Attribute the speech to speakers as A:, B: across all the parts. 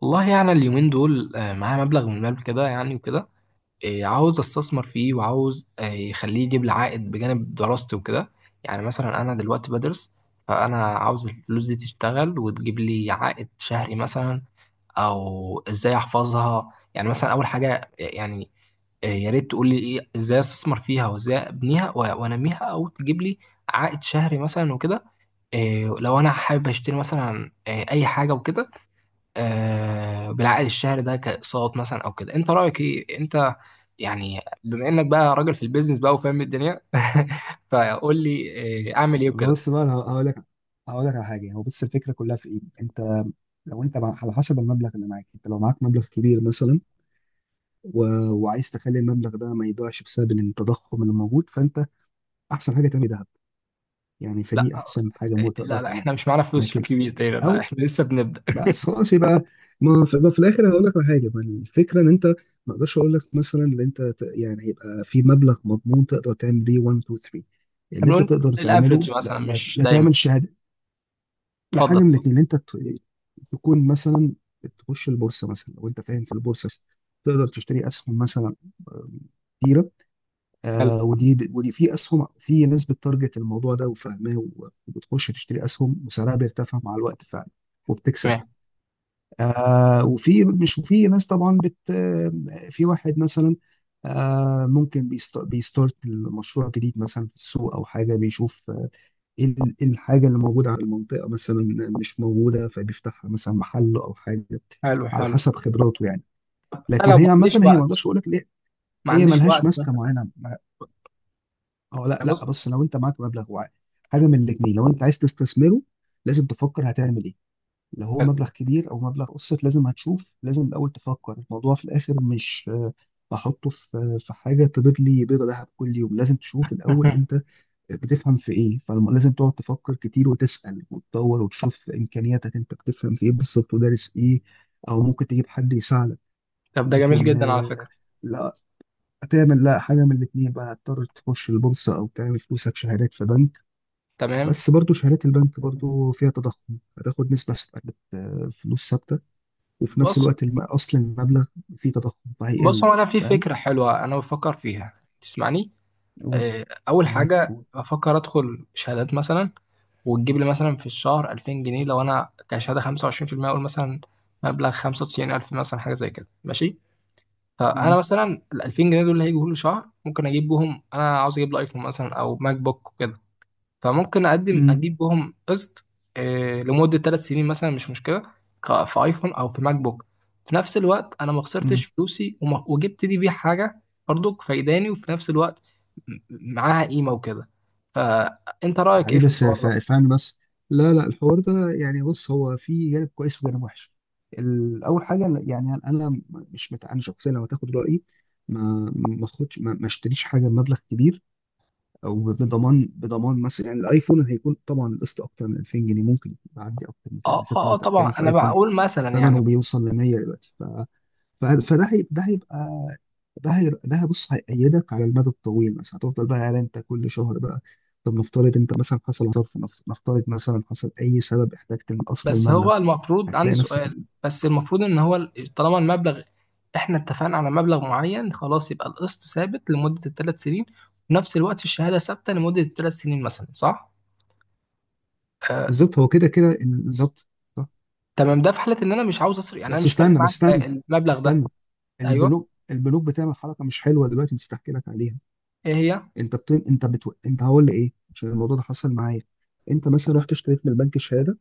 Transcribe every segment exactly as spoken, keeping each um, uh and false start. A: والله يعني اليومين دول آه، معايا مبلغ من المال كده يعني وكده. آه، عاوز استثمر فيه، وعاوز آه، يخليه يجيب لي عائد بجانب دراستي وكده. يعني مثلا انا دلوقتي بدرس، فانا عاوز الفلوس دي تشتغل وتجيب لي عائد شهري مثلا، او ازاي احفظها. يعني مثلا اول حاجة آه، يعني آه، يا ريت تقول لي ايه ازاي استثمر فيها وازاي ابنيها و- وانميها او تجيب لي عائد شهري مثلا وكده. آه، لو انا حابب اشتري مثلا آه، اي حاجة وكده، آه، بالعائد الشهري ده كاقساط مثلا او كده، انت رايك ايه؟ انت يعني بما انك بقى راجل في البيزنس بقى وفاهم الدنيا فقول لي آه، اعمل ايه وكده.
B: بص بقى، انا هقول لك، هقول لك على حاجه. هو بص، الفكره كلها في ايه؟ انت لو انت مع- على حسب المبلغ اللي معاك، انت لو معاك مبلغ كبير مثلا و... وعايز تخلي المبلغ ده ما يضيعش بسبب إن التضخم اللي موجود، فانت احسن حاجه تعمل ذهب. يعني
A: لا
B: فدي احسن حاجه مو تقدر
A: لا لا،
B: تعملها.
A: احنا مش معانا فلوس في
B: لكن
A: كبير دايما، لا
B: او
A: احنا لسه بنبدا.
B: بس خلاص، يبقى ما في, ما في الاخر هقول لك على حاجه. ما الفكره ان انت ما اقدرش اقول لك مثلا ان انت ت... يعني يبقى في مبلغ مضمون تقدر تعمل بيه واحد اتنين تلاتة. اللي انت
A: هنقول
B: تقدر
A: الافريج
B: تعمله، لا,
A: مثلا
B: لا,
A: مش
B: لا
A: دايما.
B: تعمل شهاده. لا،
A: اتفضل
B: حاجه من
A: اتفضل.
B: الاثنين اللي انت تكون مثلا تخش البورصه مثلا، لو انت فاهم في البورصه تقدر تشتري اسهم مثلا. آه، كتيره.
A: حلو.
B: آه ودي ودي في اسهم، في ناس بتارجت الموضوع ده وفاهماه و- وبتخش تشتري اسهم وسعرها بيرتفع مع الوقت فعلا وبتكسب.
A: تمام.
B: آه وفي مش وفي ناس طبعا بت آه، في واحد مثلا، آه ممكن بيست- بيستارت مشروع جديد مثلا في السوق، او حاجه بيشوف ايه ال- إيه الحاجة اللي موجودة على المنطقة مثلا مش موجودة، فبيفتحها مثلا محل أو حاجة،
A: حلو
B: على
A: حلو.
B: حسب خبراته يعني.
A: انا
B: لكن
A: لو ما
B: هي عامة،
A: عنديش
B: هي ما
A: وقت
B: أقدرش أقول لك ليه،
A: ما
B: هي
A: عنديش
B: ملهاش
A: وقت
B: ماسكة
A: مثلا يعني.
B: معينة. ما- أو لا لا،
A: بص.
B: بص، لو أنت معاك مبلغ وعاء، حاجة من الاتنين، لو أنت عايز تستثمره لازم تفكر هتعمل إيه. لو هو
A: حلو.
B: مبلغ كبير أو مبلغ قسط، لازم هتشوف، لازم الأول تفكر الموضوع في الآخر. مش آه، بحطه في آه، في حاجة تبيض لي بيضة ذهب كل يوم. لازم تشوف الأول أنت بتفهم في ايه، فلازم تقعد تفكر كتير وتسأل وتدور وتشوف امكانياتك، انت بتفهم في ايه بالظبط ودارس ايه، او ممكن تجيب حد يساعدك.
A: طب ده جميل
B: لكن
A: جدا على
B: آه،
A: فكره.
B: لا، تعمل لا حاجه من الاثنين بقى، هتضطر تخش البورصه او تعمل فلوسك شهادات في بنك.
A: تمام.
B: بس برضو شهادات البنك برضو فيها تضخم، هتاخد نسبه ثابتة، آه، فلوس ثابته، وفي نفس
A: بص
B: الوقت الم- اصل المبلغ فيه تضخم
A: بص،
B: فهيقل.
A: هو انا في
B: فاهم؟
A: فكره حلوه انا بفكر فيها، تسمعني؟
B: قول.
A: آه، اول
B: معاك،
A: حاجه
B: قول.
A: بفكر ادخل شهادات مثلا، وتجيب لي مثلا في الشهر ألفين جنيه. لو انا كشهاده خمسة وعشرين في المية، اقول مثلا مبلغ خمسة وتسعين ألف مثلا حاجه زي كده ماشي. فانا
B: مم.
A: مثلا ال ألفين جنيه دول اللي هيجوا كل شهر ممكن اجيب بهم، انا عاوز اجيب لي ايفون مثلا او ماك بوك. فممكن اقدم اجيب بهم قسط آه، لمده ثلاث سنين مثلا، مش مشكله ك- في ايفون او في ماك بوك. في نفس الوقت انا ما
B: مم.
A: خسرتش فلوسي وما- وجبت لي بيه حاجه برضو فايداني، وفي نفس الوقت م- معاها قيمه وكده. فانت رايك ايه
B: حبيبي
A: في
B: بس
A: الحوار
B: ف-
A: ده؟
B: فاهم، بس لا لا، الحوار ده يعني بص هو فيه جانب كويس وجانب وحش. ال- اول حاجه يعني انا مش مت... انا شخصيا لو هتاخد رايي ما ما اخدش ما, ما اشتريش حاجه بمبلغ كبير او بضمان بضمان مثلا، يعني الايفون هيكون طبعا القسط اكتر من ألفين جنيه، ممكن يعدي اكتر من كده
A: اه
B: بالذات ان
A: اه اه،
B: انت بتتكلم
A: طبعا
B: في
A: انا
B: ايفون
A: بقول مثلا يعني.
B: ثمنه بيوصل ل ميت ألف دلوقتي. ف- فده هي- ده هيبقى ده هي ده بص هيأيدك على المدى الطويل مثلا، هتفضل بقى قاعد انت كل شهر بقى. طب نفترض انت مثلا حصل ظرف، نف- نفترض مثلا حصل اي سبب احتجت من اصل
A: بس
B: المبلغ،
A: هو المفروض عندي
B: هتلاقي نفسك.
A: سؤال، بس المفروض ان هو ال- طالما المبلغ احنا اتفقنا على مبلغ معين خلاص، يبقى القسط ثابت لمدة الثلاث سنين، ونفس الوقت الشهادة ثابتة لمدة الثلاث سنين مثلا، صح؟ آه.
B: بالظبط، هو كده كده، ال- بالظبط، صح.
A: تمام، ده في حالة ان انا مش عاوز اصرف، يعني انا
B: بس
A: مش فارق
B: استنى بس
A: معايا
B: استنى
A: المبلغ ده.
B: استنى.
A: ايوه.
B: البنوك البنوك بتعمل حركه مش حلوه دلوقتي، نسيت احكي لك عليها.
A: ايه هي؟
B: انت بت... انت بتو... انت هقول لي ايه؟ عشان الموضوع ده حصل معايا. انت مثلا رحت اشتريت من البنك شهاده،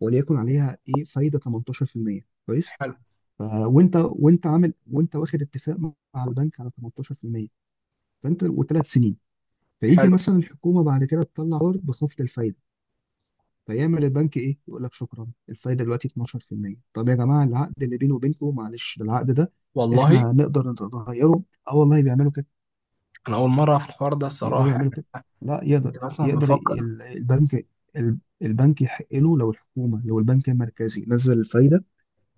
B: وليكن عليها ايه فايده تمنتاشر في المية. كويس.
A: حلو
B: آه، وانت وانت عامل، وانت واخد اتفاق مع البنك على ثمانية عشر بالمئة، فانت وثلاث سنين. فيجي
A: حلو.
B: مثلا الحكومه بعد كده تطلع قرار بخفض الفايده. فيعمل البنك ايه؟ يقول لك شكرا، الفايده دلوقتي اتناشر في المية. طب يا جماعه، العقد اللي بيني وبينكم؟ معلش، ده العقد ده
A: والله
B: احنا نقدر نغيره. اه والله بيعملوا كده،
A: انا اول مرة في الحوار ده
B: يقدروا
A: الصراحة
B: يعملوا
A: يعني،
B: كده. لا يقدر،
A: كنت مثلا
B: يقدر،
A: بفكر.
B: ي- ال- البنك، ال- البنك يحق له لو الحكومه، لو البنك المركزي نزل الفايده،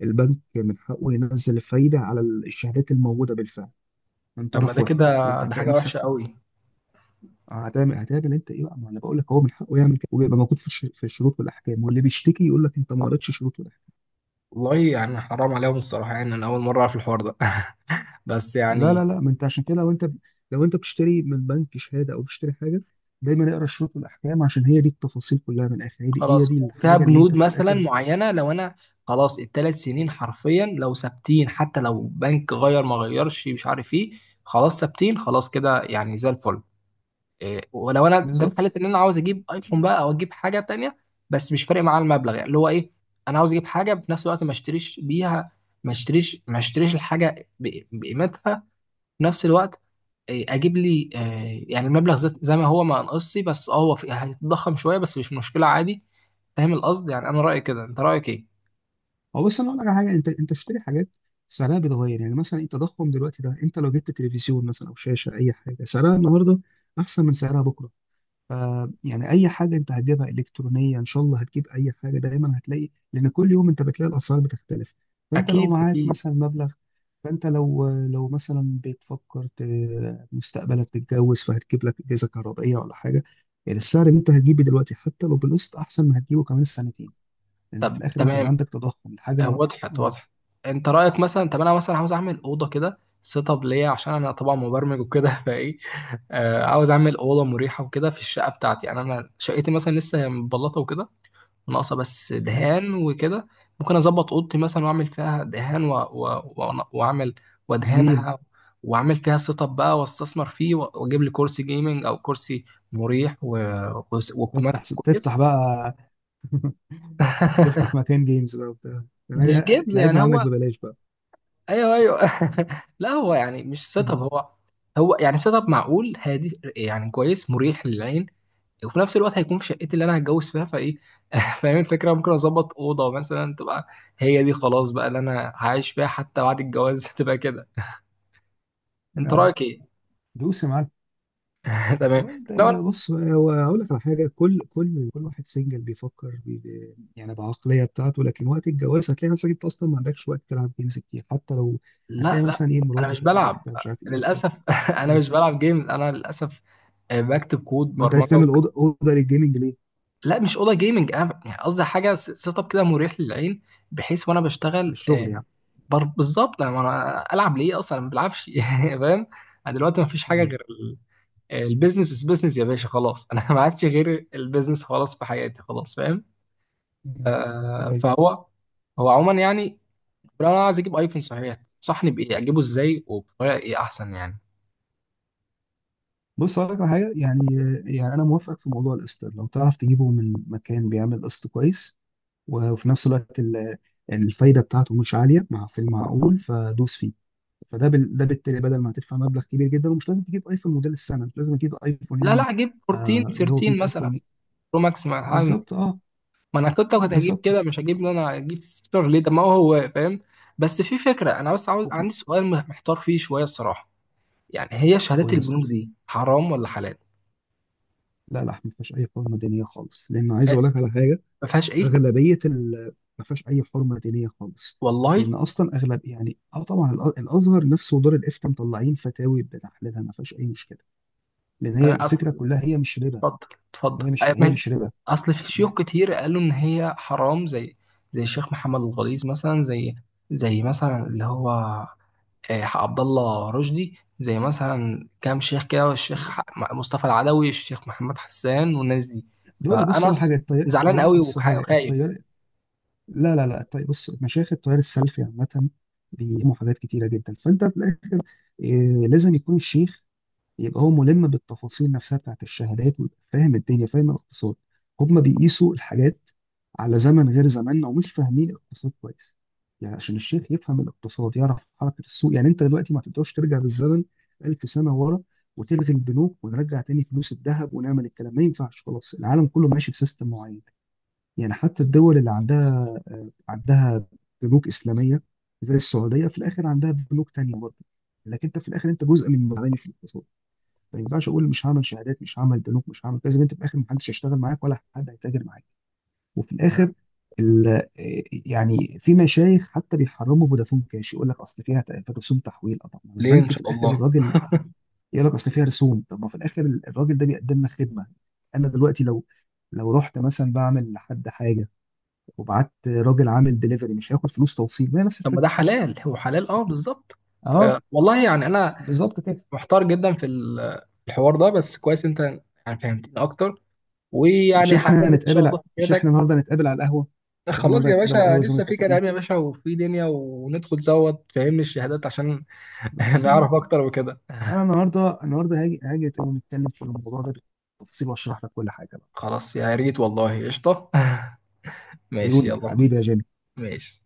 B: البنك من حقه ينزل الفايده على الشهادات الموجوده بالفعل من
A: طب ما
B: طرف
A: ده
B: واحد.
A: كده؟
B: وانت
A: ده
B: هتلاقي
A: حاجة
B: نفسك
A: وحشة قوي.
B: هتعمل، هتقابل انت ايه بقى؟ ما انا بقول لك هو من حقه يعمل كده، وبيبقى موجود في الش- في الشروط والاحكام، واللي بيشتكي يقول لك انت ما قريتش شروط والاحكام.
A: والله يعني حرام عليهم الصراحة، يعني انا اول مرة في الحوار ده. بس
B: لا
A: يعني
B: لا لا، ما انت عشان كده، لو انت، لو انت بتشتري من بنك شهاده او بتشتري حاجه، دايما اقرا الشروط والاحكام، عشان هي دي التفاصيل كلها من الاخر. هي دي هي
A: خلاص،
B: دي
A: فيها
B: الحاجه اللي انت
A: بنود
B: في
A: مثلا
B: الاخر.
A: معينه، لو انا خلاص الثلاث سنين حرفيا لو ثابتين، حتى لو بنك غير ما غيرش مش عارف ايه، خلاص ثابتين، خلاص كده يعني زي الفل. إيه، ولو انا ده في
B: بالظبط.
A: حاله ان انا عاوز اجيب ايفون بقى او اجيب حاجه تانية، بس مش فارق معايا المبلغ يعني، اللي هو ايه، انا عاوز اجيب حاجه في نفس الوقت ما اشتريش بيها، ما اشتريش ما اشتريش الحاجه ب- بقيمتها في نفس الوقت. إيه، اجيب لي آه، يعني المبلغ زي زي ما هو ما انقصي، بس اه هو في- هيتضخم شويه بس مش مشكله عادي. فاهم القصد؟ يعني انا رايي كده، انت رايك ايه؟
B: هو بس انا اقول لك على حاجه، انت انت بتشتري حاجات سعرها بيتغير، يعني مثلا التضخم دلوقتي ده، انت لو جبت تلفزيون مثلا او شاشه، اي حاجه سعرها النهارده احسن من سعرها بكره. يعني اي حاجه انت هتجيبها الكترونيه ان شاء الله، هتجيب اي حاجه دايما هتلاقي، لان كل يوم انت بتلاقي الاسعار بتختلف. فانت لو
A: اكيد
B: معاك
A: اكيد.
B: مثلا مبلغ، فانت لو لو مثلا بتفكر ت- مستقبلك تتجوز، فهتجيب لك اجهزه كهربائيه ولا حاجه، يعني السعر اللي انت هتجيبه دلوقتي حتى لو بالقسط احسن ما هتجيبه كمان سنتين، لان في
A: طب
B: الاخر انت
A: تمام.
B: عندك تضخم الحاجه
A: آه،
B: النهار-
A: وضحت
B: اه.
A: وضحت. انت رايك مثلا، طب انا مثلا عاوز اعمل اوضه كده سيت اب ليا، عشان انا طبعا مبرمج وكده فايه. آه، عاوز اعمل اوضه مريحه وكده في الشقه بتاعتي، يعني انا شقتي مثلا لسه هي متبلطه وكده، ناقصة بس
B: حلو.
A: دهان وكده. ممكن أظبط أوضتي مثلا وأعمل فيها دهان و... و... و... وأعمل
B: جميل.
A: وأدهنها، وأعمل فيها سيت أب بقى وأستثمر فيه، و- وأجيب لي كرسي جيمنج أو كرسي مريح و... و...
B: تفتح
A: ومكتب كويس.
B: تفتح بقى تفتح مكان جيمز بقى وبتاع،
A: مش جيبز يعني
B: تلعبنا عندك
A: هو.
B: ببلاش بقى.
A: ايوه ايوه. لا، هو يعني مش سيت اب، هو هو يعني سيت اب معقول هادي، يعني كويس مريح للعين، وفي نفس الوقت هيكون في شقتي اللي انا هتجوز فيها، فايه. فاهم الفكره، ممكن اظبط اوضه مثلا تبقى هي دي خلاص بقى اللي انا هعيش فيها حتى بعد الجواز تبقى كده. انت
B: آه.
A: رايك ايه؟
B: دوس يا معلم.
A: تمام.
B: والله انت
A: لو أنا-
B: بص، هو هقول لك على حاجه. كل كل كل واحد سنجل بيفكر بي بي يعني بعقليه بتاعته، لكن وقت الجواز هتلاقي نفسك انت اصلا ما عندكش وقت تلعب جيمز كتير. حتى لو
A: لا
B: هتلاقي
A: لا،
B: مثلا ايه،
A: انا مش
B: مراتك هتقول لك
A: بلعب
B: انت مش عارف ايه وبتاع.
A: للاسف. انا
B: مم.
A: مش بلعب جيمز انا للاسف. آه، بكتب كود
B: ما انت عايز
A: برمجه.
B: تعمل اوضه، اوضه للجيمنج ليه؟
A: لا مش اوضه جيمنج، انا يعني قصدي حاجه س- سيت اب كده مريح للعين، بحيث وانا بشتغل.
B: للشغل
A: آه،
B: يعني.
A: بر- بالظبط. انا أنا العب ليه اصلا؟ أنا ما بلعبش. يعني فاهم. انا دلوقتي ما فيش حاجه
B: تمام.
A: غير ال- البيزنس از بيزنس يا باشا، خلاص انا ما عادش غير البيزنس خلاص في حياتي، خلاص فاهم.
B: مم.
A: آه
B: أيوة.
A: فهو هو عموما يعني، لو انا عايز اجيب ايفون صحيح، تنصحني بايه؟ اجيبه ازاي وبطريقه ايه احسن يعني؟
B: بص هقول لك على حاجه يعني، يعني انا موافقك في موضوع القسط، لو تعرف تجيبه من مكان بيعمل قسط كويس وفي نفس الوقت ال- الفايده بتاعته مش عاليه، مع في المعقول، فدوس فيه. فده بال... ده بالتالي بدل ما هتدفع مبلغ كبير جدا، ومش لازم تجيب ايفون موديل السنه، مش لازم تجيب ايفون
A: لا
B: يعني
A: لا، اجيب
B: آه
A: اربعتاشر
B: اللي هو ب
A: تلتاشر
B: 100000
A: مثلا،
B: جنيه
A: برو ماكس.
B: بالظبط اه،
A: ما انا كنت كنت هجيب
B: بالظبط.
A: كده، مش هجيب ان انا اجيب ستيتر ليه، ده ما هو هو فاهم. بس في فكره، انا بس عاوز،
B: وفي...
A: عندي سؤال م- محتار فيه شويه الصراحه، يعني هي
B: قول
A: شهادات
B: لي يا
A: البنوك
B: صديقي.
A: دي حرام ولا حلال؟
B: لا لا، ما فيهاش اي حرمه دينيه خالص، لان عايز
A: أه،
B: اقول لك على حاجه.
A: ما فيهاش ايه؟
B: اغلبيه ال... ما فيهاش اي حرمه دينيه خالص،
A: والله.
B: لان اصلا اغلب يعني اه طبعا الأ- الازهر نفسه ودار الافتاء مطلعين فتاوي بتحليلها، ما فيهاش اي مشكله، لان هي
A: تمام، اصل.
B: الفكره كلها هي مش ربا.
A: اتفضل اتفضل،
B: هي مش
A: أه،
B: هي
A: ماشي.
B: مش ربا
A: اصل في شيوخ
B: يعني.
A: كتير قالوا ان هي حرام، زي زي الشيخ محمد الغليظ مثلا، زي زي مثلا اللي هو آه، عبد الله رشدي، زي مثلا كام شيخ كده، والشيخ ح- مصطفى العدوي، الشيخ محمد حسان والناس دي.
B: دول اللي بص
A: فانا
B: على
A: أص-
B: حاجه، التيار،
A: زعلان
B: التيار
A: قوي
B: بص على
A: وخا-
B: حاجه،
A: وخايف.
B: التيار، لا لا لا طيب، بص، مشايخ التيار السلفي عامة بيقيموا حاجات كتيرة جدا، فأنت في الآخر إيه، لازم يكون الشيخ يبقى هو ملم بالتفاصيل نفسها بتاعت الشهادات، ويبقى فاهم الدنيا، فاهم الاقتصاد. هما بيقيسوا الحاجات على زمن غير زماننا، ومش فاهمين الاقتصاد كويس. يعني عشان الشيخ يفهم الاقتصاد يعرف حركة السوق، يعني أنت دلوقتي ما تقدرش ترجع بالزمن ألف سنة ورا، وتلغي البنوك ونرجع تاني فلوس الذهب ونعمل الكلام. ما ينفعش، خلاص العالم كله ماشي بسيستم معين. يعني حتى الدول اللي عندها عندها بنوك اسلاميه زي السعوديه، في الاخر عندها بنوك تانيه برضه. لكن انت في الاخر انت جزء من المزارعين في الاقتصاد. ما ينفعش اقول مش هعمل شهادات، مش هعمل بنوك، مش هعمل كذا، انت في الاخر محدش هيشتغل معاك ولا حد هيتاجر معاك. وفي الاخر ال- آه، يعني في مشايخ حتى بيحرموا فودافون كاش، يقول لك اصل فيها ت- رسوم تحويل. آه، طب ما
A: ليه ان
B: البنك في
A: شاء
B: الاخر،
A: الله؟
B: الراجل يقول لك اصل فيها رسوم، طب ما في الاخر الراجل ده بيقدم لك خدمه. انا دلوقتي لو لو رحت مثلا بعمل لحد حاجه، وبعت راجل عامل دليفري، مش هياخد فلوس توصيل؟ ما هي نفس
A: طب ما ده
B: الفكره.
A: حلال، هو حلال اه بالظبط. ف-
B: اه
A: والله يعني انا
B: بالظبط كده.
A: محتار جدا في ال- الحوار ده، بس كويس انت يعني فهمتني اكتر،
B: مش
A: ويعني
B: احنا
A: هعتمد ان شاء
B: هنتقابل ع-
A: الله في
B: مش احنا
A: فكرتك.
B: النهارده هنتقابل على القهوه، مش احنا
A: خلاص
B: النهارده
A: يا
B: هنتقابل على
A: باشا،
B: القهوه زي ما
A: لسه في
B: اتفقنا.
A: كلام يا باشا وفي دنيا، وندخل سوا تفهمني الشهادات عشان
B: بس ما انا،
A: نعرف اكتر وكده.
B: انا النهارده، النهارده هاجي، هاجي ونتكلم في الموضوع ده بالتفصيل، واشرح لك كل حاجه بقى.
A: خلاص، يا ريت والله، قشطة. ماشي
B: عيوني
A: يلا.
B: حبيبي يا جيمي.
A: ماشي.